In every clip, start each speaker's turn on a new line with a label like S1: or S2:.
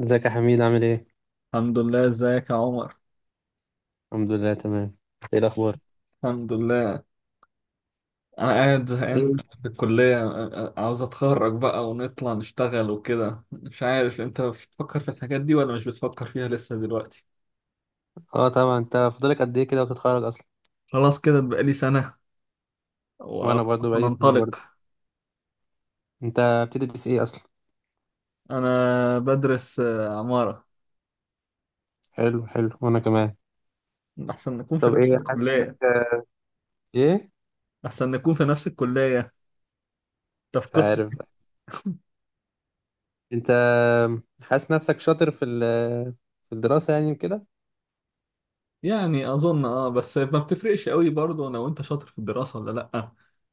S1: ازيك يا حميد عامل ايه؟
S2: الحمد لله. ازيك يا عمر؟
S1: الحمد لله تمام. ايه الاخبار؟
S2: الحمد لله. انا قاعد زهقان
S1: ايه.
S2: في الكلية. عاوز اتخرج بقى ونطلع نشتغل وكده. مش عارف انت بتفكر في الحاجات دي ولا مش بتفكر فيها لسه دلوقتي؟
S1: اه طبعا انت فاضلك قد ايه كده وتتخرج اصلا؟
S2: خلاص، كده بقى لي سنة
S1: وانا برضه
S2: وخلاص
S1: بقالي سنة
S2: هننطلق.
S1: برضه. انت بتدرس ايه اصلا؟
S2: انا بدرس عمارة.
S1: حلو حلو وانا كمان.
S2: احسن نكون في
S1: طب
S2: نفس
S1: ايه حاسس انك.
S2: الكلية.
S1: ايه؟
S2: احسن نكون في نفس الكلية. انت في
S1: مش
S2: قسم؟
S1: عارف بقى. انت. حاسس نفسك شاطر في في الدراسة يعني كده؟
S2: يعني اظن اه، بس ما بتفرقش قوي برضه لو انت شاطر في الدراسه ولا لا.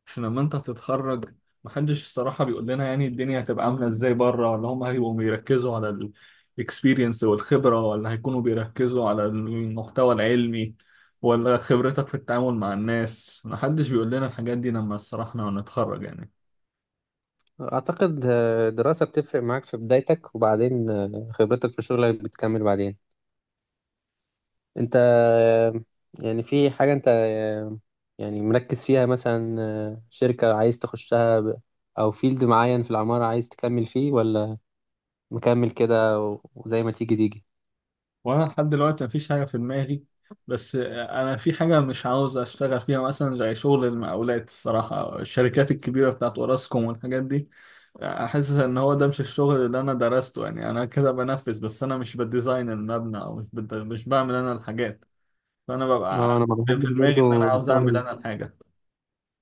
S2: عشان لما انت هتتخرج، محدش الصراحه بيقول لنا يعني الدنيا هتبقى عامله ازاي بره، ولا هم هيبقوا بيركزوا على الاكسبيرينس والخبره، ولا هيكونوا بيركزوا على المحتوى العلمي، ولا خبرتك في التعامل مع الناس. محدش بيقول لنا الحاجات دي لما الصراحه لما نتخرج يعني.
S1: اعتقد الدراسة بتفرق معاك في بدايتك، وبعدين خبرتك في شغلك بتكمل بعدين. انت. يعني في حاجة انت، يعني مركز فيها مثلا، شركة عايز تخشها او فيلد معين في العمارة عايز تكمل فيه، ولا مكمل كده وزي ما تيجي تيجي.
S2: وانا لحد دلوقتي مفيش حاجه في دماغي. بس انا في حاجه مش عاوز اشتغل فيها، مثلا زي شغل المقاولات الصراحه، أو الشركات الكبيره بتاعت اوراسكوم والحاجات دي. احس ان هو ده مش الشغل اللي انا درسته. يعني انا كده بنفذ بس، انا مش بالديزاين المبنى، او مش بعمل انا الحاجات. فانا ببقى
S1: اه انا ما
S2: في
S1: بحبش
S2: دماغي ان انا
S1: برضو
S2: عاوز
S1: الشغل
S2: اعمل
S1: ده.
S2: انا الحاجه.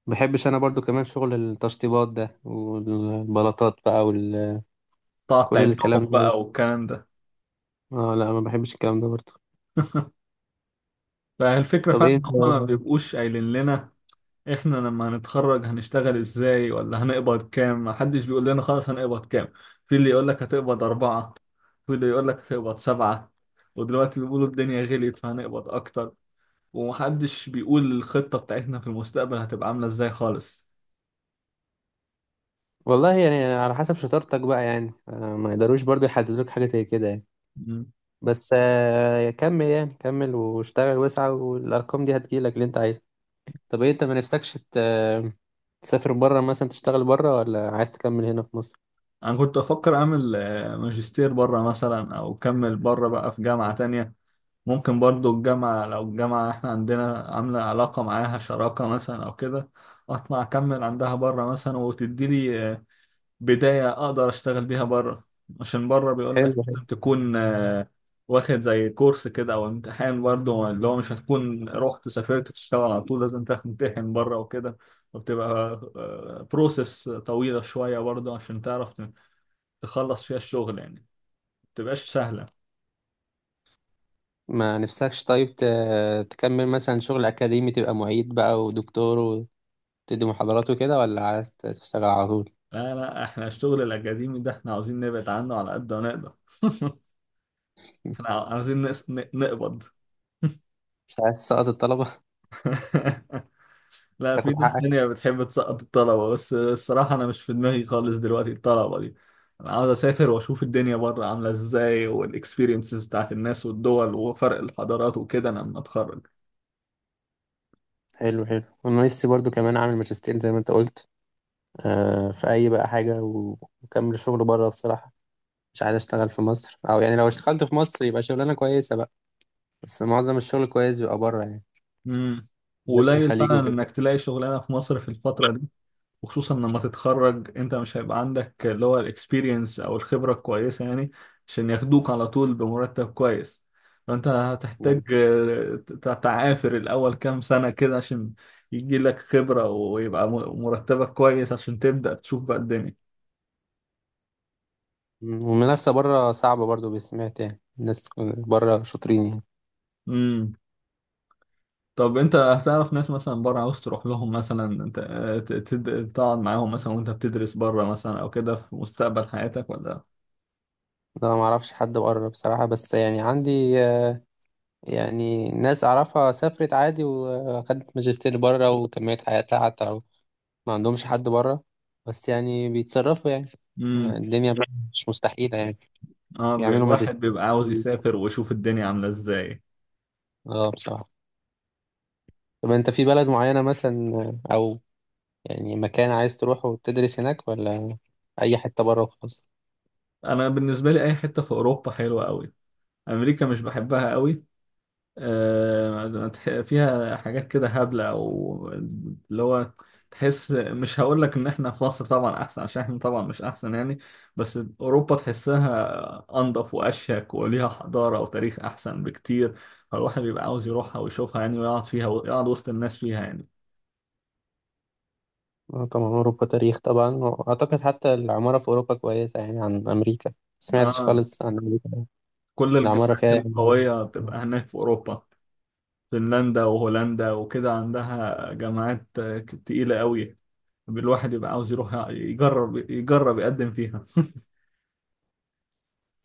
S1: ما بحبش انا برضو كمان شغل التشطيبات ده والبلاطات بقى وكل
S2: تقعد
S1: كل الكلام
S2: تعدهم
S1: ده.
S2: بقى والكلام ده.
S1: اه لا ما بحبش الكلام ده برضو.
S2: فالفكره
S1: طب
S2: فعلا
S1: ايه انت.
S2: ان هم ما بيبقوش قايلين لنا احنا لما هنتخرج هنشتغل ازاي ولا هنقبض كام. محدش بيقول لنا خلاص هنقبض كام. في اللي يقول لك هتقبض أربعة. في اللي يقول لك هتقبض سبعة. ودلوقتي بيقولوا الدنيا غليت فهنقبض أكتر. ومحدش بيقول الخطة بتاعتنا في المستقبل هتبقى عاملة ازاي خالص.
S1: والله يعني على حسب شطارتك بقى يعني، ما يقدروش برضو يحددوك حاجة زي كده يعني.
S2: مم.
S1: بس كمل يعني كمل واشتغل واسعى، والارقام دي هتجيلك اللي انت عايزه. طب ايه انت ما نفسكش تسافر بره مثلا تشتغل بره، ولا عايز تكمل هنا في مصر؟
S2: أنا كنت أفكر أعمل ماجستير بره مثلا، أو أكمل بره بقى في جامعة تانية. ممكن برضو لو الجامعة احنا عندنا عاملة علاقة معاها شراكة مثلا أو كده. اطلع اكمل عندها بره مثلا وتدي لي بداية أقدر أشتغل بيها بره. عشان بره بيقول لك
S1: حلو حلو.
S2: لازم تكون واخد زي كورس كده أو امتحان برضه. اللي هو مش هتكون رحت سافرت تشتغل على طول، لازم تمتحن بره وكده. وبتبقى بروسيس طويلة شوية برضه، عشان تعرف تخلص فيها الشغل. يعني ما بتبقاش سهلة.
S1: ما نفسكش طيب تكمل مثلا شغل اكاديمي تبقى معيد بقى ودكتور وتدي محاضرات وكده، ولا عايز تشتغل على طول؟
S2: لا لا، احنا الشغل الأكاديمي ده احنا عاوزين نبعد عنه على قد ما نقدر. احنا عاوزين نقبض.
S1: مش عايز تسقط الطلبة؟
S2: لا، في
S1: تاخد
S2: ناس
S1: حقك.
S2: تانية بتحب تسقط الطلبة، بس الصراحة أنا مش في دماغي خالص دلوقتي الطلبة دي. أنا عاوز أسافر وأشوف الدنيا بره عاملة إزاي والإكسبيرينسز بتاعت الناس والدول وفرق الحضارات وكده، أنا لما أتخرج.
S1: حلو حلو، انا نفسي برضو كمان اعمل ماجستير زي ما انت قلت، في اي بقى حاجة واكمل شغل بره بصراحة. مش عايز اشتغل في مصر، او يعني لو اشتغلت في مصر يبقى شغلانه كويسه بقى. بس معظم الشغل كويس بيبقى بره يعني.
S2: امم.
S1: بالذات في
S2: وقليل
S1: الخليج
S2: فعلا
S1: وكده.
S2: إنك تلاقي شغلانة في مصر في الفترة دي. وخصوصا لما تتخرج انت مش هيبقى عندك اللي هو الاكسبيرينس او الخبرة الكويسة يعني، عشان ياخدوك على طول بمرتب كويس. فانت هتحتاج
S1: نعم.
S2: تعافر الاول كام سنة كده، عشان يجي لك خبرة ويبقى مرتبك كويس، عشان تبدأ تشوف بقى الدنيا.
S1: مم. والمنافسه بره صعبه برضو، بسمعت يعني الناس بره شاطرين يعني.
S2: امم. طب انت هتعرف ناس مثلا بره عاوز تروح لهم مثلا انت، تقعد معاهم مثلا وانت بتدرس بره مثلا او كده في مستقبل حياتك؟
S1: انا ما اعرفش حد بره بصراحه، بس يعني عندي يعني ناس اعرفها سافرت عادي وخدت ماجستير بره وكملت حياتها، حتى لو ما عندهمش حد بره. بس يعني بيتصرفوا يعني
S2: ولا؟
S1: الدنيا مش مستحيله يعني.
S2: اه،
S1: بيعملوا ماجستير.
S2: الواحد بيبقى عاوز يسافر ويشوف الدنيا عاملة ازاي.
S1: اه بصراحه. طب انت في بلد معينة مثلا، او يعني مكان عايز تروحه وتدرس هناك، ولا اي حتة بره وخلاص؟
S2: انا بالنسبة لي اي حتة في اوروبا حلوة قوي. امريكا مش بحبها قوي. فيها حاجات كده هبلة، او اللي هو تحس. مش هقول لك ان احنا في مصر طبعا احسن، عشان احنا طبعا مش احسن يعني. بس اوروبا تحسها انضف واشيك وليها حضارة وتاريخ احسن بكتير، فالواحد بيبقى عاوز يروحها ويشوفها يعني، ويقعد فيها ويقعد وسط الناس فيها يعني.
S1: اه طبعا اوروبا تاريخ طبعا، واعتقد حتى العمارة في اوروبا كويسة يعني عن امريكا. سمعتش
S2: اه،
S1: خالص عن امريكا.
S2: كل
S1: العمارة فيها
S2: الجامعات
S1: يعني.
S2: القوية بتبقى هناك في اوروبا. فنلندا وهولندا وكده عندها جامعات تقيلة قوي. الواحد يبقى عاوز يروح يجرب يقدم فيها.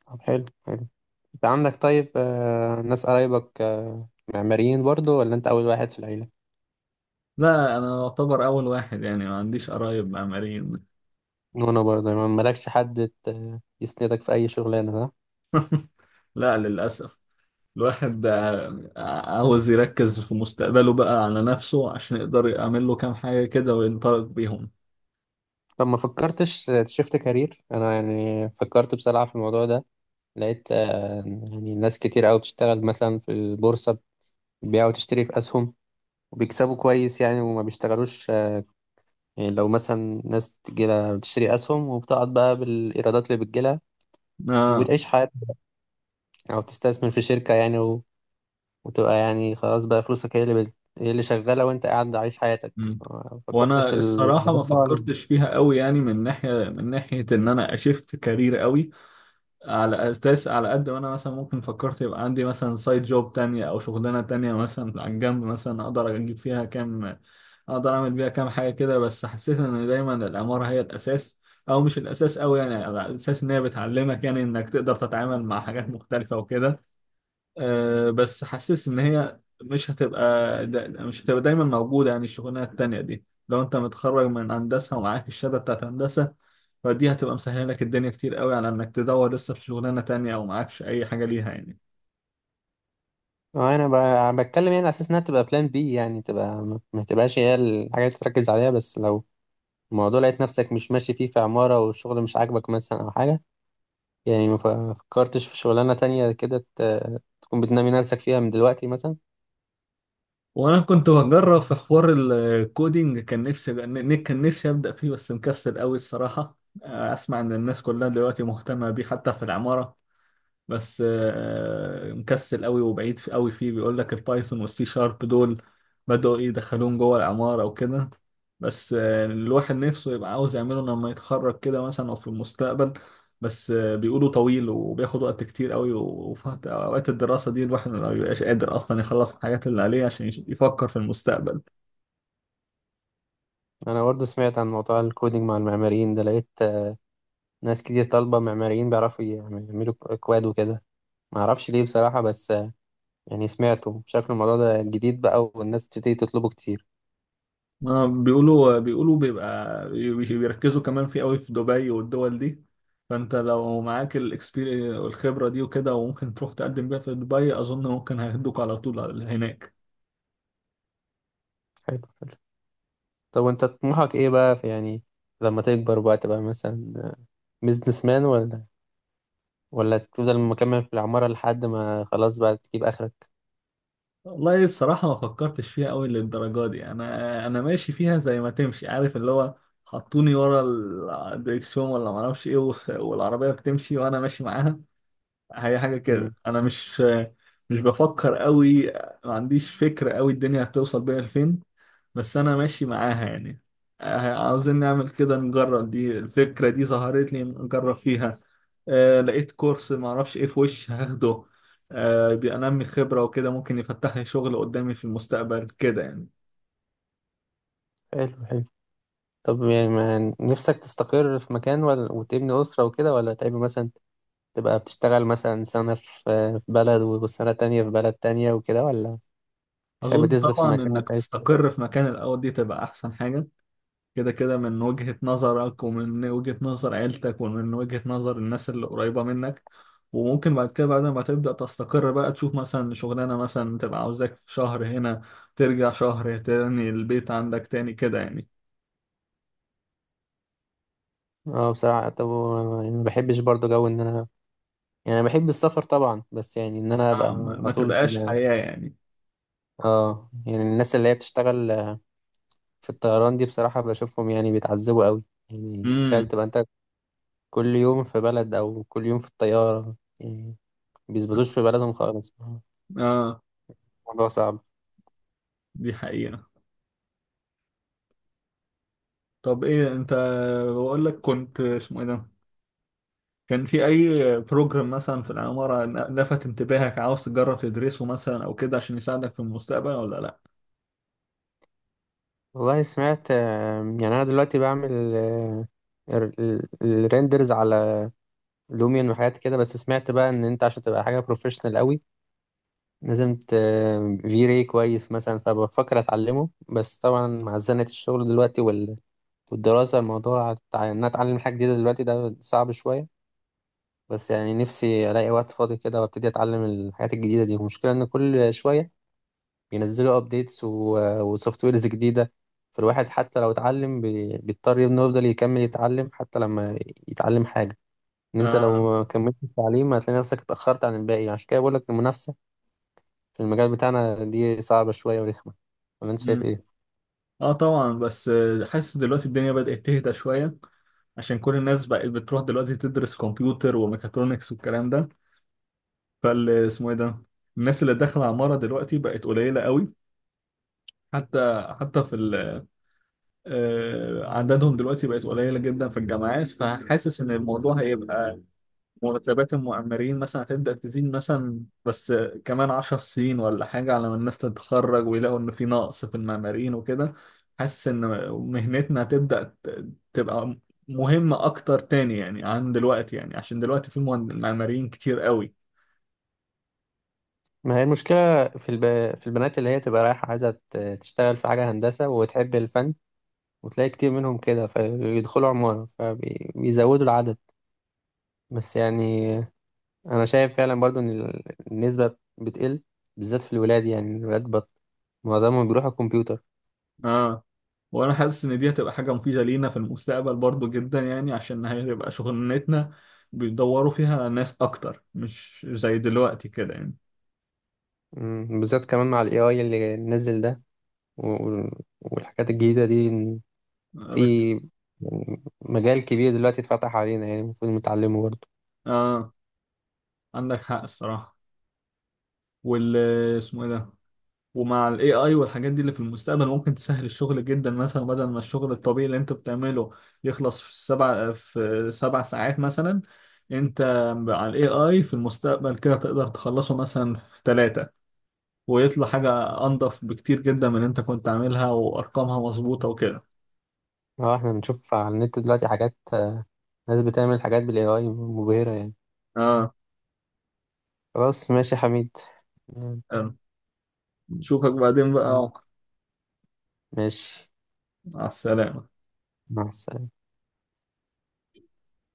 S1: طب حلو حلو. انت عندك طيب ناس قرايبك معماريين برضو، ولا انت اول واحد في العيلة؟
S2: لا، أنا أعتبر أول واحد يعني، ما عنديش قرايب معماريين.
S1: وانا برضه ما مالكش حد يسندك في اي شغلانة صح.
S2: لا، للأسف. الواحد عاوز يركز في مستقبله بقى على نفسه، عشان يقدر يعمل له كام حاجة كده وينطلق بيهم.
S1: طب ما فكرتش تشفت كارير؟ انا يعني فكرت بصراحة في الموضوع ده، لقيت يعني ناس كتير قوي بتشتغل مثلا في البورصة، بيبيع وتشتري في أسهم وبيكسبوا كويس يعني وما بيشتغلوش يعني لو مثلا ناس تجيلها بتشتري أسهم وبتقعد بقى بالإيرادات اللي بتجيلها
S2: آه.
S1: وبتعيش حياتها، أو بتستثمر في شركة يعني وتبقى يعني خلاص بقى فلوسك هي اللي شغالة وأنت قاعد عايش حياتك.
S2: مم.
S1: ما فكرتش
S2: وانا
S1: في الموضوع
S2: الصراحه ما
S1: ده ولا؟
S2: فكرتش فيها قوي يعني، من ناحيه ان انا اشفت كارير قوي. على اساس على قد ما انا مثلا ممكن فكرت يبقى عندي مثلا سايد جوب تانية او شغلانة تانية مثلا عن جنب، مثلا اقدر اجيب فيها كام، اقدر اعمل بيها كام حاجة كده. بس حسيت ان دايما العمارة هي الاساس، او مش الاساس قوي يعني، على اساس ان هي بتعلمك يعني انك تقدر تتعامل مع حاجات مختلفة وكده. أه بس حاسس ان هي مش هتبقى. دا مش هتبقى دايما موجودة يعني الشغلانة التانية دي، لو انت متخرج من هندسة ومعاك الشهادة بتاعت هندسة، فدي هتبقى مسهله لك الدنيا كتير قوي على انك تدور لسه في شغلانه تانية، او معكش اي حاجه ليها يعني.
S1: أنا بتكلم يعني على أساس إنها تبقى بلان بي، يعني تبقى ما تبقاش هي الحاجة اللي تركز عليها، بس لو الموضوع لقيت نفسك مش ماشي فيه في عمارة والشغل مش عاجبك مثلا أو حاجة، يعني ما فكرتش في شغلانة تانية كده تكون بتنمي نفسك فيها من دلوقتي مثلا.
S2: وانا كنت بجرب في حوار الكودينج. كان نفسي ابدا فيه بس مكسل قوي الصراحه. اسمع ان الناس كلها دلوقتي مهتمه بيه حتى في العماره. بس مكسل قوي وبعيد قوي فيه. بيقول لك البايثون والسي شارب دول بدأوا يدخلوهم جوه العمارة وكده. بس الواحد نفسه يبقى عاوز يعمله لما يتخرج كده مثلا، أو في المستقبل. بس بيقولوا طويل وبياخد وقت كتير قوي وفي أوقات الدراسة دي الواحد ما بيبقاش قادر أصلا يخلص الحاجات اللي عليه عشان يفكر في المستقبل.
S1: أنا برضه سمعت عن موضوع الكودينج مع المعماريين ده، لقيت ناس كتير طالبة معماريين بيعرفوا يعملوا أكواد وكده. ما اعرفش ليه بصراحة، بس يعني سمعته شكل الموضوع ده جديد بقى والناس بتبتدي تطلبه كتير.
S2: بيقولوا بيبقى بيركزوا كمان فيه قوي في دبي والدول دي. فانت لو معاك الاكسبيرينس والخبره دي وكده، وممكن تروح تقدم بيها في دبي اظن. ممكن هياخدوك على طول هناك.
S1: حلو حلو. طب وانت طموحك ايه بقى في يعني لما تكبر بقى تبقى مثلا بيزنس مان، ولا تفضل مكمل في العمارة لحد ما خلاص بقى تجيب آخرك؟
S2: والله الصراحه ما فكرتش فيها قوي للدرجه دي. انا ماشي فيها زي ما تمشي عارف اللي هو، حطوني ورا الدريكسيون ولا ما اعرفش ايه والعربيه بتمشي وانا ماشي معاها. هي حاجه كده.
S1: مم.
S2: انا مش بفكر قوي. ما عنديش فكره قوي الدنيا هتوصل بيها لفين، بس انا ماشي معاها يعني. عاوزين نعمل كده نجرب دي. الفكرة دي ظهرت لي نجرب فيها. آه، لقيت كورس معرفش ايه في وش هاخده. آه، بينمي خبرة وكده ممكن يفتح لي شغل قدامي في المستقبل كده يعني.
S1: حلو حلو. طب يعني ما نفسك تستقر في مكان، ولا وتبني أسرة وكده، ولا تحب مثلا تبقى بتشتغل مثلا سنة في بلد وسنة تانية في بلد تانية وكده، ولا تحب
S2: اظن
S1: تثبت في
S2: طبعا
S1: مكان
S2: انك
S1: انت عايز
S2: تستقر في مكان الاول، دي تبقى احسن حاجة، كده كده، من وجهة نظرك ومن وجهة نظر عيلتك ومن وجهة نظر الناس اللي قريبة منك. وممكن بعد كده، بعد ما تبدأ تستقر بقى تشوف مثلا شغلانة مثلا تبقى عاوزاك، في شهر هنا، ترجع شهر تاني البيت عندك تاني كده يعني.
S1: فيه؟ اه بصراحة. طب يعني ما بحبش برضه جو ان انا، يعني انا بحب السفر طبعا، بس يعني ان انا ابقى
S2: آه، ما
S1: على
S2: ما
S1: طول
S2: تبقاش
S1: في.
S2: حياة يعني.
S1: اه يعني الناس اللي هي بتشتغل في الطيران دي، بصراحة بشوفهم يعني بيتعذبوا قوي. يعني تخيل
S2: امم.
S1: تبقى انت كل يوم في بلد، أو كل يوم في الطيارة يعني بيثبتوش في بلدهم خالص.
S2: اه،
S1: الموضوع صعب.
S2: دي حقيقة. طب ايه انت؟ بقول لك كنت اسمه ايه ده، كان في اي بروجرام مثلا في العمارة لفت انتباهك عاوز تجرب تدرسه مثلا او كده عشان يساعدك في المستقبل ولا لا؟
S1: والله سمعت يعني أنا دلوقتي بعمل الريندرز على لوميون وحاجات كده. بس سمعت بقى إن أنت عشان تبقى حاجة بروفيشنال قوي لازم في راي كويس مثلا، فبفكر أتعلمه. بس طبعا مع زنة الشغل دلوقتي والدراسة، الموضوع إن أنا أتعلم حاجة جديدة دلوقتي ده صعب شوية. بس يعني نفسي ألاقي وقت فاضي كده وأبتدي أتعلم الحاجات الجديدة دي. المشكلة إن كل شوية بينزلوا ابديتس وسوفت ويرز جديده، فالواحد حتى لو اتعلم بيضطر انه يفضل يكمل يتعلم حتى لما يتعلم حاجه. ان انت لو
S2: اه.
S1: ما كملتش التعليم هتلاقي نفسك اتاخرت عن الباقي، عشان كده بقول لك المنافسه في المجال بتاعنا دي صعبه شويه ورخمه. ولا انت شايف
S2: مم.
S1: ايه؟
S2: اه طبعا، بس حاسس دلوقتي الدنيا بدأت تهدى شوية. عشان كل الناس بقت بتروح دلوقتي تدرس كمبيوتر وميكاترونكس والكلام ده. فال، اسمه ايه ده، الناس اللي داخلة عمارة دلوقتي بقت قليلة قوي. حتى حتى في ال آه، عددهم دلوقتي بقت قليلة جدا في الجامعات، فحاسس ان الموضوع هيبقى، مرتبات المؤمرين مثلا هتبدأ تزيد مثلا، بس كمان 10 سنين ولا حاجة على ما الناس تتخرج ويلاقوا إن في نقص في المعماريين وكده. حاسس إن مهنتنا هتبدأ تبقى مهمة أكتر تاني يعني، عن دلوقتي يعني عشان دلوقتي في معماريين كتير قوي.
S1: ما هي المشكله في في البنات اللي هي تبقى رايحه عايزه تشتغل في حاجه هندسه وتحب الفن، وتلاقي كتير منهم كده فيدخلوا عماره فبيزودوا العدد. بس يعني انا شايف فعلا برضو ان النسبه بتقل، بالذات في الولاد. يعني الولاد معظمهم بيروحوا الكمبيوتر.
S2: آه. وأنا حاسس إن دي هتبقى حاجة مفيدة لينا في المستقبل برضو جدا يعني، عشان هتبقى شغلانتنا بيدوروا فيها ناس أكتر مش زي دلوقتي كده يعني.
S1: بالذات كمان مع الـAI اللي نزل ده و- والحاجات الجديده دي، إن
S2: آه.
S1: في يعني مجال كبير دلوقتي اتفتح علينا يعني المفروض نتعلمه برضو.
S2: آه، عندك حق الصراحة. وال، اسمه ايه ده، ومع الاي اي والحاجات دي اللي في المستقبل ممكن تسهل الشغل جدا مثلا، بدل ما الشغل الطبيعي اللي انت بتعمله يخلص في سبع ساعات مثلا، انت على الاي اي في المستقبل كده تقدر تخلصه مثلا في ثلاثة. ويطلع حاجة انضف بكتير جدا من اللي انت كنت عاملها وارقامها مظبوطة وكده.
S1: اه احنا بنشوف على النت دلوقتي حاجات ناس بتعمل حاجات بالـAI مبهره يعني.
S2: اه،
S1: خلاص ماشي يا حميد. مم،
S2: تمام. نشوفك بعدين بقى يا
S1: تمام.
S2: عمر.
S1: ماشي.
S2: مع السلامة.
S1: مع السلامه.